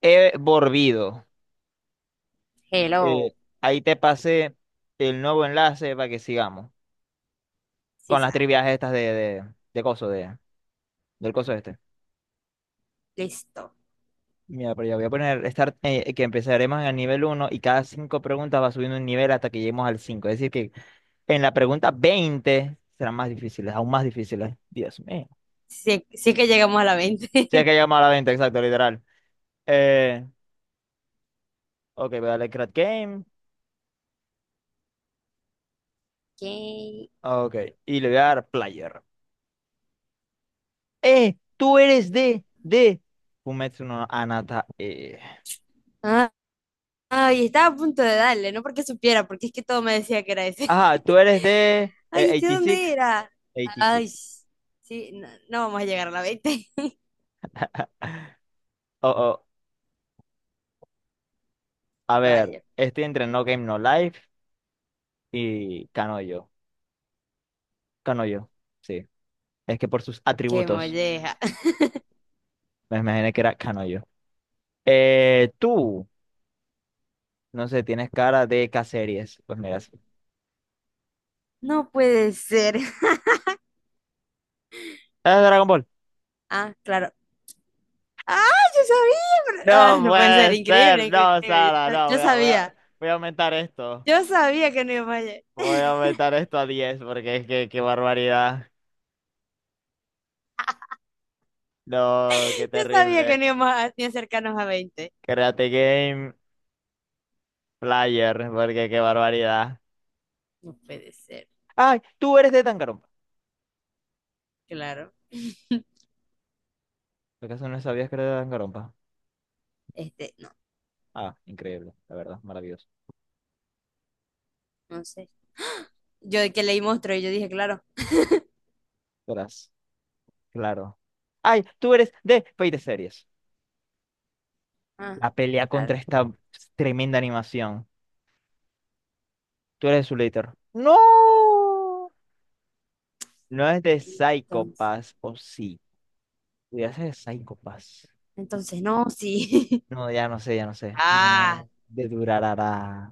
He volvido. Eh, Hello, ahí te pasé el nuevo enlace para que sigamos con las Sisa. trivias estas de coso, de, del coso este. Listo. Mira, pero ya voy a poner start, que empezaremos en el nivel uno y cada 5 preguntas va subiendo un nivel hasta que lleguemos al cinco. Es decir, que en la pregunta 20 serán más difíciles, aún más difíciles. Dios mío. Sí, si es que llegamos a la 20. Si es que llegamos a la veinte, exacto, literal. Eh, ok, voy a darle Create Game. Ok. Ok, y le voy a dar Player. Tú eres de Fumetsu no Anata. Ah, ay, estaba a punto de darle, no porque supiera, porque es que todo me decía que era ese. Ajá, tú eres de Ay, ¿este dónde 86. era? Ay, 86. sí, no, no vamos a llegar a la 20. Oh, oh. A ver, Rayo, estoy entre No Game No Life y Kanoyo. Kanoyo, sí. Es que por sus qué atributos molleja. me imaginé que era Kanoyo. Tú, no sé, tienes cara de K-series. Pues mira, sí. No puede ser. ¡Es Dragon Ball! Ah, claro. Ah, yo sabía. Ah, No no puede ser, puede ser, increíble, no, increíble. Yo, Sara, sab- no, yo sabía, voy a aumentar esto. yo sabía que no íbamos a llegar. Voy a aumentar esto a 10, porque es que, qué barbaridad. No, qué Yo sabía que terrible. no íbamos a ni acercarnos a 20. Karate Game Player, porque qué barbaridad. No puede ser, ¡Ay! Tú eres de Danganronpa. claro. ¿Acaso no sabías que era de Danganronpa? Este, no, Ah, increíble, la verdad, maravilloso. no sé. Yo de que leí monstruo y yo dije, claro. Verás, claro. ¡Ay! Tú eres de Fate Series. Ah, La pelea contra claro. esta tremenda animación. Tú eres de Zulator. ¡No! No es de Psycho Entonces, Pass, o sí. Pudiera ser de Psycho Pass. entonces no, sí. No, ya no sé, ya no sé. Ah, No, de Durarara.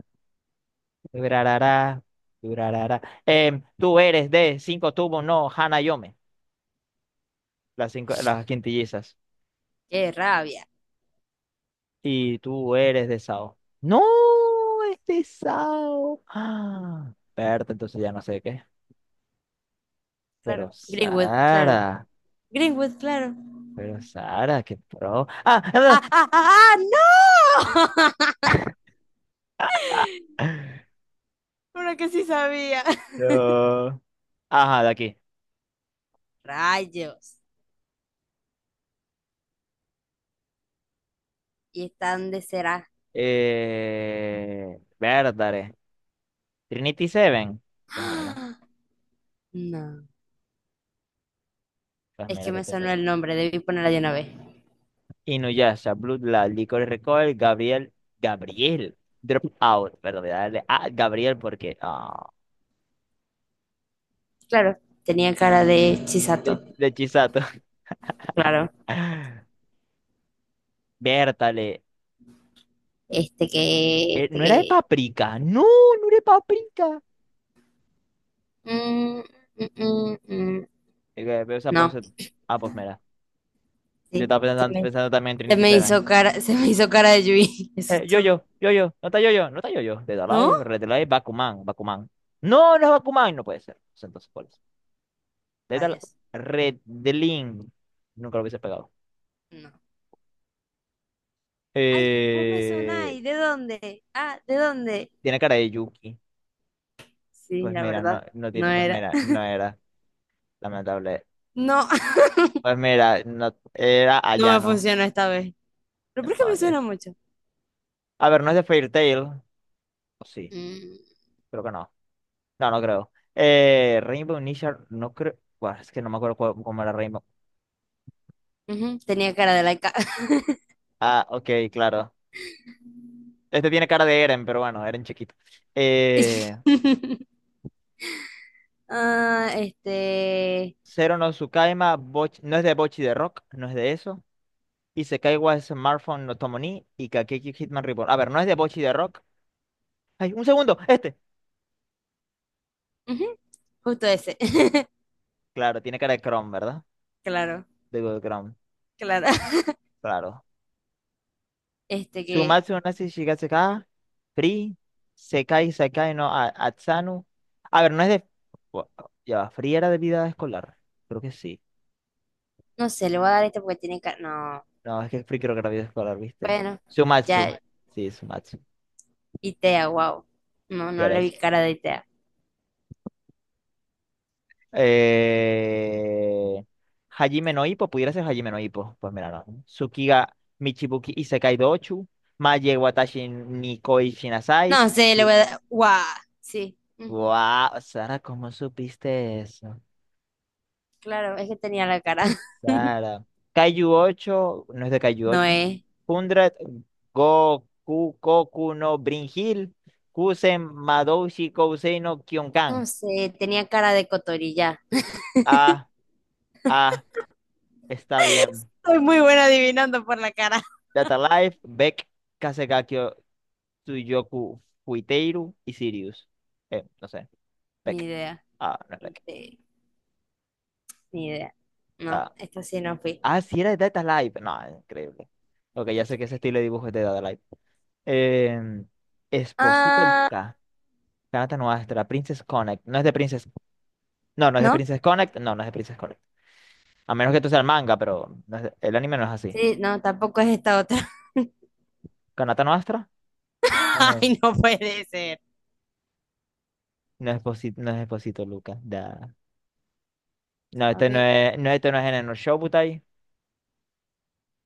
Durarará, durarará. Tú eres de cinco tubos, no, Hana Yome, las, cinco, las quintillizas. qué rabia. Y tú eres de Sao. No, es de Sao. Ah, Berta, entonces ya no sé qué. Pero Claro. Greenwood, claro. Sara, Greenwood, claro. pero Sara, qué pro. ¡Ah, Ah, ah, ah, ah, ah, no! Una que sí sabía. no. Ajá, de aquí. Rayos. ¿Y están de será? Bertare. Trinity Seven. Pues mira, ¡Ah! No. pues Es que mira que me te sonó el nombre, debí ponerla de una vez. Inuyasha, Bloodline, Licorice Recoil, Gabriel, Gabriel, Dropout, perdón, voy a darle a Gabriel porque, ah, Claro, tenía cara de Chisato. De Chisato. Claro. Vértale, Este que, este no era de que. paprika, no, no era de paprika. Mm, mm, mm, mm. Veo esa No, pose, ah, pues mira, yo sí. estaba Se pensando, me, pensando también en se Trinity me Seven. hizo cara, se me hizo cara de Yui. Eso es todo. No está no está yo-yo, Dead ¿No? Alive, Red Alive, Bakuman, Bakuman. No, no es Bakuman, no puede ser. Pues entonces, ¿cuál es? Dead Alive, Rayos. Red Link, nunca lo hubiese pegado. No. Ay, vos me Eh, sonáis. ¿De dónde? Ah, ¿de dónde? Tiene cara de Yuki. Sí, Pues la mira, verdad. no, no No tiene, pues era. mira, no era, lamentable. No, Pues mira, no era no me Ayano. funcionó esta vez. Pero ¿por qué me suena Demonios. mucho? A ver, no es de Fairy Tail. O sí, Mm, creo que no. No, no creo. Rainbow Nishar, no creo. Buah, es que no me acuerdo cómo era Rainbow. ujú, tenía cara de laica. Ah, ok, claro. Este tiene cara de Eren, pero bueno, Eren chiquito. Eh, Ah, este. Zero no Tsukaima, no es de Bochi de Rock, no es de eso. Y Sekaiwa Smartphone no Tomo ni y Kakeki Hitman Reborn. A ver, no es de Bochi de Rock. Ay, un segundo, este. Ujú, justo ese. Claro, tiene cara de Chrome, ¿verdad? Claro, De Google Chrome, claro. claro. Este que, Sumatsu Nasi Shigatsuka, Free, Sekai Sakai no Atsanu. A ver, no es de. bu- Ya va, Free era de vida escolar. Creo que sí. no sé, le voy a dar este porque tiene cara. No, No, es que Free creo que era vida escolar, ¿viste? bueno, Sumatsu. ya, Sí, Sumatsu. Itea, wow. No, Ya no era le vi eso. cara de Itea. Eh... Hajime no Ippo, pudiera ser Hajime no Ippo. Pues mira, no. Tsukiga Michibuki Isekai Dochu, Maye Watashi Nikoi Shinasai. No sé, le voy a dar. ¡Guau! Sí, ujú, Wow, Sara, ¿cómo supiste eso? claro, es que tenía la cara. Sara. Kaiju ocho no es de Kaiju No ocho es. hundred Goku, Koku no Brin Hill, Kusen, Madoushi, Kousei no Kyonkan. No sé, tenía cara de cotorilla. Ah, ah, está bien. Soy muy buena adivinando por la cara. Data Life, Beck, Kasegaki, Tsuyoku, Fuiteiru y Sirius. No sé, Ni Beck. idea. Ah, no es Beck. Este, ni idea. No, Ah, esta sí no fui. ah, sí era de Data Life. No, increíble. Ok, ya sé que ese Increíble. estilo de dibujo es de Data Life. Eh, Esposito Ah, Lica, Kanata Nuestra, Princess Connect. No es de Princess. No, no es de no. Princess Connect. No, no es de Princess Connect. A menos que tú seas el manga, pero no es el anime no es así. Sí, no, tampoco es esta otra. Kanata Nuestra. No. Ay, no puede ser. No es Esposito, no es Esposito Lica. Da. No, A este no ver. es, no, este no es en el Shobutai.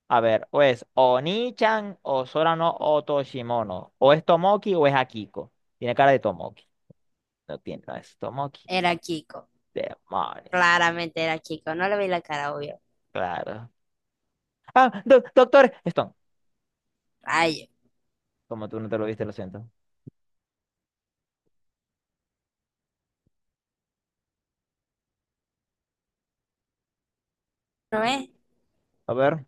A ver, o es Oni-chan, o Sora no Otoshimono. O es Tomoki o es Akiko. Tiene cara de Tomoki. No tiene, no es Tomoki. Era Kiko. Demonios. Claramente era chico, no le vi la cara, obvio. Claro. Ah, doctor Stone. Rayo. Como tú no te lo viste, lo siento. ¿No es? A ver,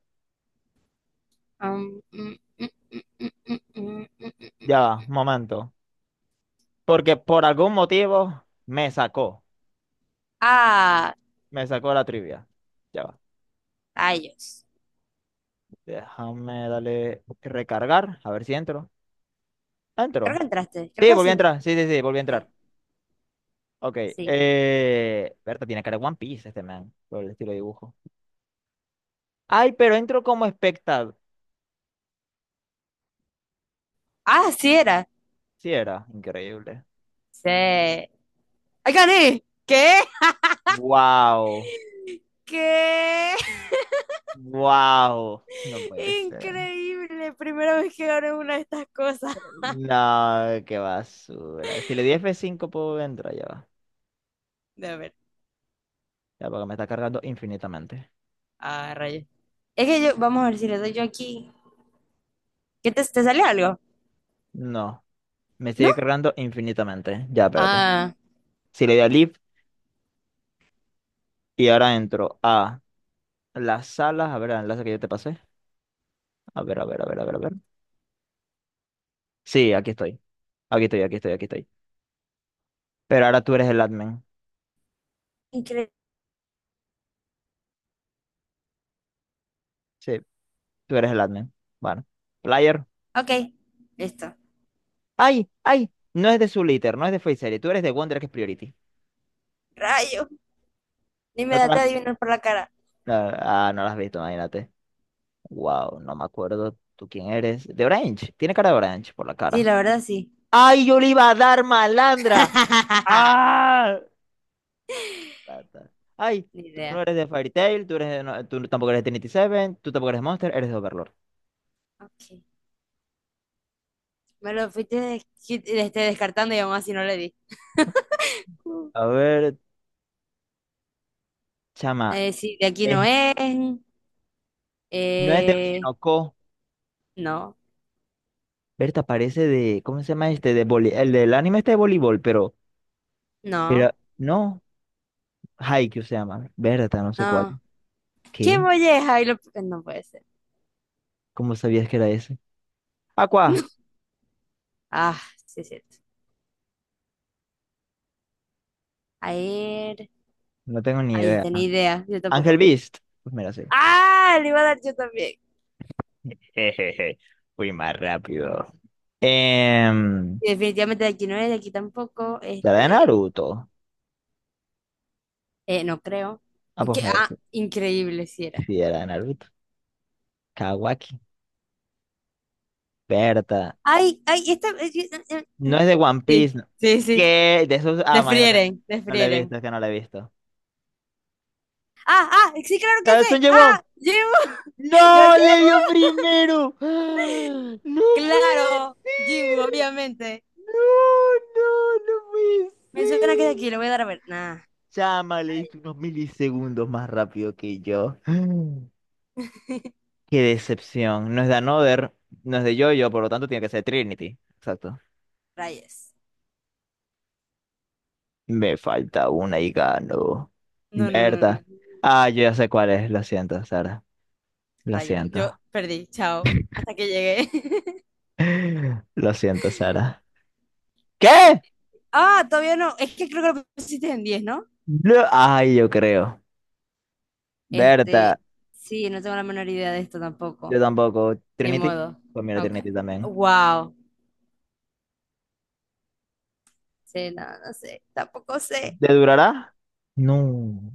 Mm, mm, mm, mm, mm, mm, mm, mm. ya va, un momento. Porque por algún motivo me sacó. Ah, Me sacó la trivia. Ya va. rayos. Déjame darle recargar. A ver si entro. Creo Entro. que entraste, creo Sí, que volví sí a entraste. entrar. Sí, sí, sí, volví a Sí, entrar. Ok. sí. Berta tiene cara de One Piece este man. Por el estilo de dibujo. Ay, pero entro como espectador. Ah, sí era. Sí, era increíble. Sí. ¡Ay, gané! ¿Qué? Wow. ¿Qué? Wow. No puede ser. Increíble. Primera vez que gano una de estas cosas. No, qué basura. Si le di F5 puedo entrar, ya va. De a ver. Ya, porque me está cargando infinitamente. Ah, rayos. Es que yo, vamos a ver si le doy yo aquí. ¿Qué te sale algo? No, me ¿No? sigue cargando infinitamente. Ya, espérate. Ah, Si le doy a Leave y ahora entro a las salas, a ver el enlace que yo te pasé. A ver, a ver, a ver, a ver, a ver. Sí, aquí estoy. Aquí estoy, aquí estoy, aquí estoy. Pero ahora tú eres el admin. increíble. Sí, tú eres el admin. Bueno, player. Ok, listo. ¡Ay! ¡Ay! No es de su liter, no es de Facery. Tú eres de Wonder, que es Priority. Rayo. Ni me No te das de la- adivinar por la cara. no, ah, no lo has visto, imagínate. Wow, no me acuerdo tú quién eres. De Orange. Tiene cara de Orange por la Sí, cara. la verdad sí. Ay, yo le iba a dar malandra. Ah. Ay, Ni tú no idea. eres de Fairy Tail, tú eres de, no- tú tampoco eres de Trinity Seven, tú tampoco eres de Monster, eres de Overlord. Ok. Me lo fuiste descartando y aún así no le di. Uh. A ver, chama, Sí, de aquí no es- es. no es de Eh, Oshinoko. no, Berta parece de, ¿cómo se llama este? De el del anime este de voleibol, pero no, no, Haikyuu se llama. Berta, no sé cuál. no. ¿Qué ¿Qué? molleja? No puede ser. ¿Cómo sabías que era ese? Aqua, Ah, sí es cierto. A ver. no tengo ni Ahí idea. está, ni idea. Yo Ángel tampoco. Beast, pues mira, sí. ¡Ah! Le iba a dar yo también. Jejeje, fui más rápido. Eh, Y definitivamente de aquí no es, de aquí tampoco. ¿Ya era de Este, Naruto? No creo. Ah, pues ¿Qué? me Ah, increíble si era. sí, era de Naruto. Kawaki. Berta. Ay, ay, esta. No es de One Sí, Piece. No. sí, sí. ¿Qué? De esos. Ah, imagínate. Desfrieren, No lo he visto, desfrieren. es que no lo he visto. Ah, ah, sí, claro que ¡Ah, ¡es un sé. Jaewon! Ah, Jimbo. Yo, ¡No! ¡Le Jim. dio primero! ¡Ah! ¡No puede Claro, Jimbo, ser! obviamente. ¡No, no, no puede Me suena que es de ser! aquí, lo voy a dar a ver. Nah, Chama, le diste unos milisegundos más rápido que yo. ¡Ah! ¡Qué decepción! No es de Another, no es de Jojo, por lo tanto tiene que ser Trinity. Exacto. rayes. Me falta una y gano. No, no, no, no. ¿Verdad? Ah, yo ya sé cuál es. Lo siento, Sara. Lo Rayo. Yo siento. perdí, chao. Hasta que llegué. Lo siento, Sara. Pip. ¿Qué? Ah, todavía no. Es que creo que lo pusiste en 10, ¿no? Ay, yo creo. Este, ¿Verdad? sí, no tengo la menor idea de esto Yo tampoco. tampoco. Ni ¿Trinity? modo. Pues mira, Ok. Trinity también. Wow. Sí, no, no sé, tampoco sé. ¿Te durará? No.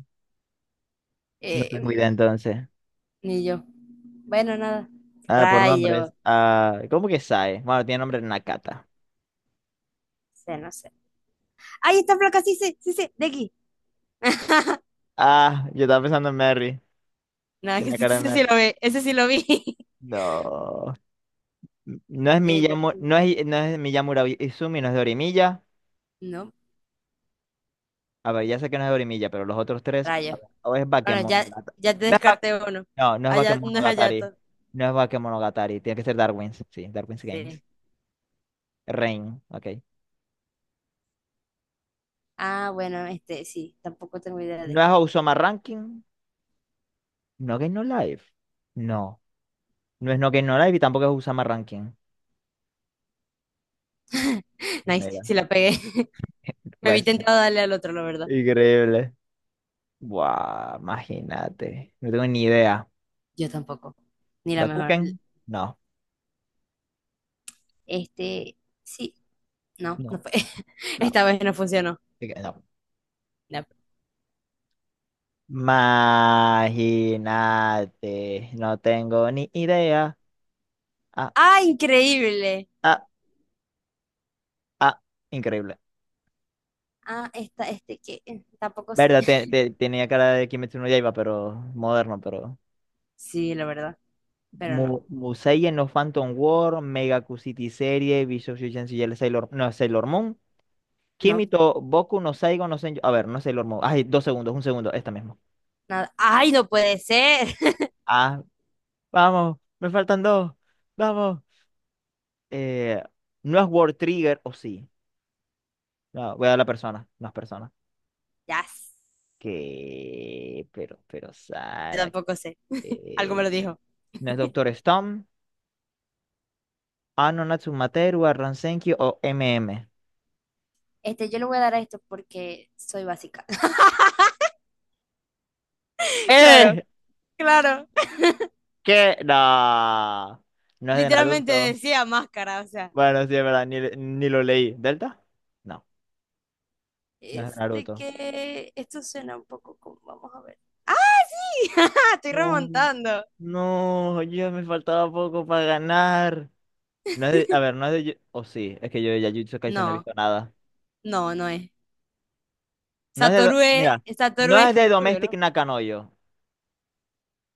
No tengo idea Eh, entonces. Ni yo. Bueno, nada. Ah, por nombres. Rayo. Ah, ¿cómo que Sae? Bueno, tiene nombre Nakata. Sé, no sé. ¡Ay, está flaca! Sí, sí, sí, sí, de aquí. Ah, yo estaba pensando en Mary. Nada, que Tenía cara de Mary. Ese sí lo vi. No. No es De Miyamu, aquí. no es, no es Miyamura Izumi, no es Dorimiya. No, A ver, ya sé que no es Dorimiya, pero los otros tres, a rayo. ver, o es Bueno, ya, Bakemonogatari. ya te No, es descarté uno. no, no es Allá, no es Bakemonogatari. Hayato. No es Bakemonogatari. Tiene que ser Darwin's. Sí, Darwin's Sí. Games. Rain, ok. Ah, bueno, este, sí, tampoco tengo idea de No es este. Osama Ranking. No Game No Life. No. No es No Game No Life y tampoco es Osama Ranking. Nice, Mira, sí la pegué. Me vi pues. tentado a darle al otro, la verdad. Increíble. Buah, imagínate. No tengo ni idea. Yo tampoco. Ni la mejor. ¿Gakuken? No, Este, sí, no, no no, fue. no. Esta vez no funcionó. Ok, no. No. Imagínate, no tengo ni idea. Ah, ¡Ah, increíble! ah, ah, increíble. Ah, esta, este que tampoco sé. Verdad, tenía cara de Kimetsu no Yaiba, pero moderno, pero Sí, la verdad, pero Mu no, Musei no Phantom War, Mega City Serie, Visual Shusen Sailor, no, Sailor Moon, no, Kimito, Boku no Saigo no Senju, a ver, no es Sailor Moon. Ay, dos segundos, un segundo, esta misma. nada. ¡Ay, no puede ser! Ah, vamos, me faltan dos, vamos. Eh, no es World Trigger, o sí. No, voy a la persona, no es persona. Ya, Que, pero, Sara, tampoco sé. Algo me que... lo dijo. ¿No es Doctor Stone? Ano Natsumateru, Arran Senkyu o M M. Este, yo le voy a dar a esto porque soy básica. Claro, ¡Eh! claro. ¿Qué? No. No es de Literalmente Naruto. decía máscara, o sea. Bueno, sí, es verdad, ni lo leí. ¿Delta? No, no es de Este Naruto. que, esto suena un poco como, vamos a ver. ¡Ah, sí! Estoy No, remontando. no, ya me faltaba poco para ganar. No es de, a ver, no es de... O sí, es que yo de Jujutsu Kaisen no he No, visto nada. no, no es. No es de... Satoru es, Mira, Satoru no es es de rubio, Domestic ¿no? Nakanoyo.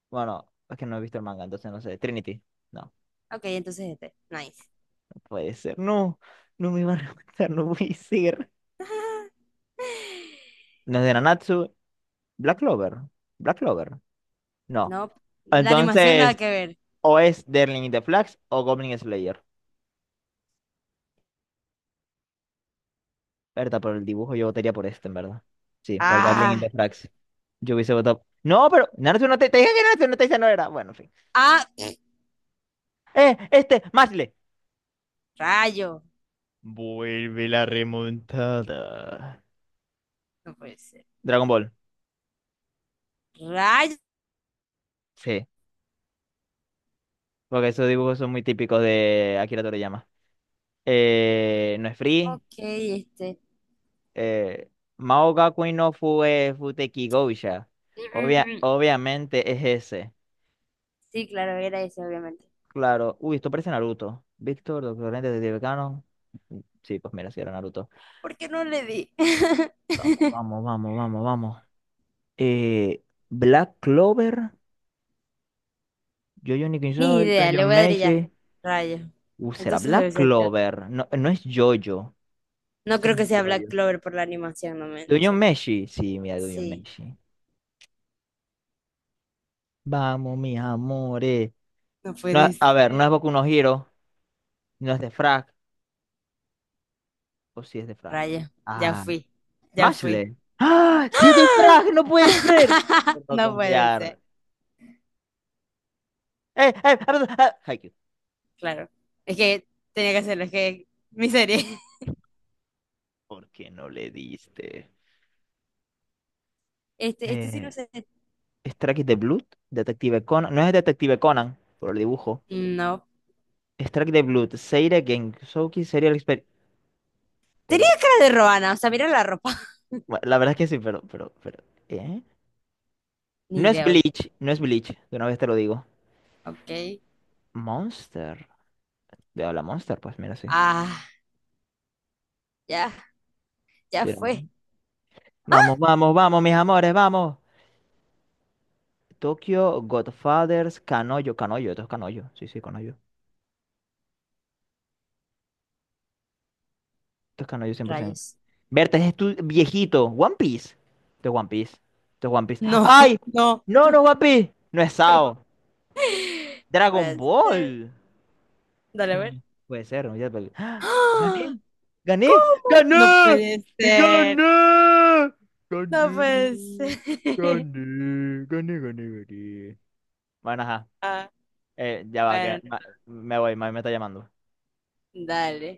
Bueno, es que no he visto el manga, entonces no sé. Trinity. No, Ok, entonces este. Nice. no puede ser. No, no me van a matar, no voy a ser. No es de Nanatsu. Black Clover. Black Clover. No. No, la animación nada Entonces, que ver. o es Darling in the Flags o Goblin Slayer. Verdad, por el dibujo yo votaría por este, en verdad. Sí, por Darling in the Ah, Flags. Yo hubiese votado. No, pero Naruto no te dije que Naruto no te dice no era. Bueno, en fin. ah, Mashle. rayo. Vuelve la remontada. No puede ser. Dragon Ball. Rayo. Sí. Porque esos dibujos son muy típicos de Akira Toriyama. No es free. Ok, este. Eh, Mao Gakui no Fue Futeki Gousha. Obvia, mm, obviamente es ese. Sí, claro, era ese, obviamente. Claro. Uy, esto parece Naruto. Víctor, Doctor Lente, Detective Canon. Sí, pues mira, si era Naruto. ¿Por qué no le di? Vamos, vamos, vamos, vamos, vamos. Eh, Black Clover. Jojo Ni Nikinsoi, idea, Tonjon le voy a dar y Meshi. ya. Rayo. Será Entonces Black debe ser peor. Clover. No, no es Jojo. No Eso creo no que es sea Black Jojo. Clover por la animación, no Dungeon se me. Meshi. Sí, mira, Dungeon Sí, Meshi. Vamos, mis amores. no No, puede a ver, no es ser. Boku no Hero, no es de Frag, o si es de Frag. Rayo, ya Ah, fui, ya fui. Mashle. ¡Ah! ¡Sí es de Frag! ¡No puede ser! No No puede ser, confiar. ¡Eh, eh! ah, ah, ah, Haikyuu. claro. Es que tenía que hacerlo, es que mi serie. ¿Por qué no le diste? Este sí no Eh, sé. Strike the Blood, Detective Conan. No es Detective Conan, por el dibujo. No. Strike the Blood, Seire Gensouki Serial Expert. Tenía Pero, cara de Roana, o sea, mira la ropa. bueno, la verdad es que sí, pero, pero. ¿Eh? Ni No es idea, oiga. Bleach, no es Bleach, de una vez te lo digo. Ok. Monster. De a la Monster, pues mira, sí. Ah, ya, ya Sí, era más. fue. Vamos, vamos, vamos, mis amores, vamos. Tokyo, Godfathers, Canoyo, Canoyo, esto es Canoyo. Sí, sí, Canoyo. Esto es Canoyo 100%. Rayos. Berta, es tu viejito. One Piece. Esto es One Piece. Esto es One Piece. No, ¡Ay! no. No, no, es One Piece. No es Sao. No Dragon puede ser. Ball. Es Dale que a no ver. puede ser. No, ya- pues. ¡Ah! ¡Ah! ¡Gané! ¡Gané! ¿Cómo? No ¡Gané! puede ¡Gané! ser. ¡Gané! No puede ser. Gané, gané, gané, gané. Bueno, ajá. Ah, Ya va, que bueno, me voy, mami me está llamando. dale.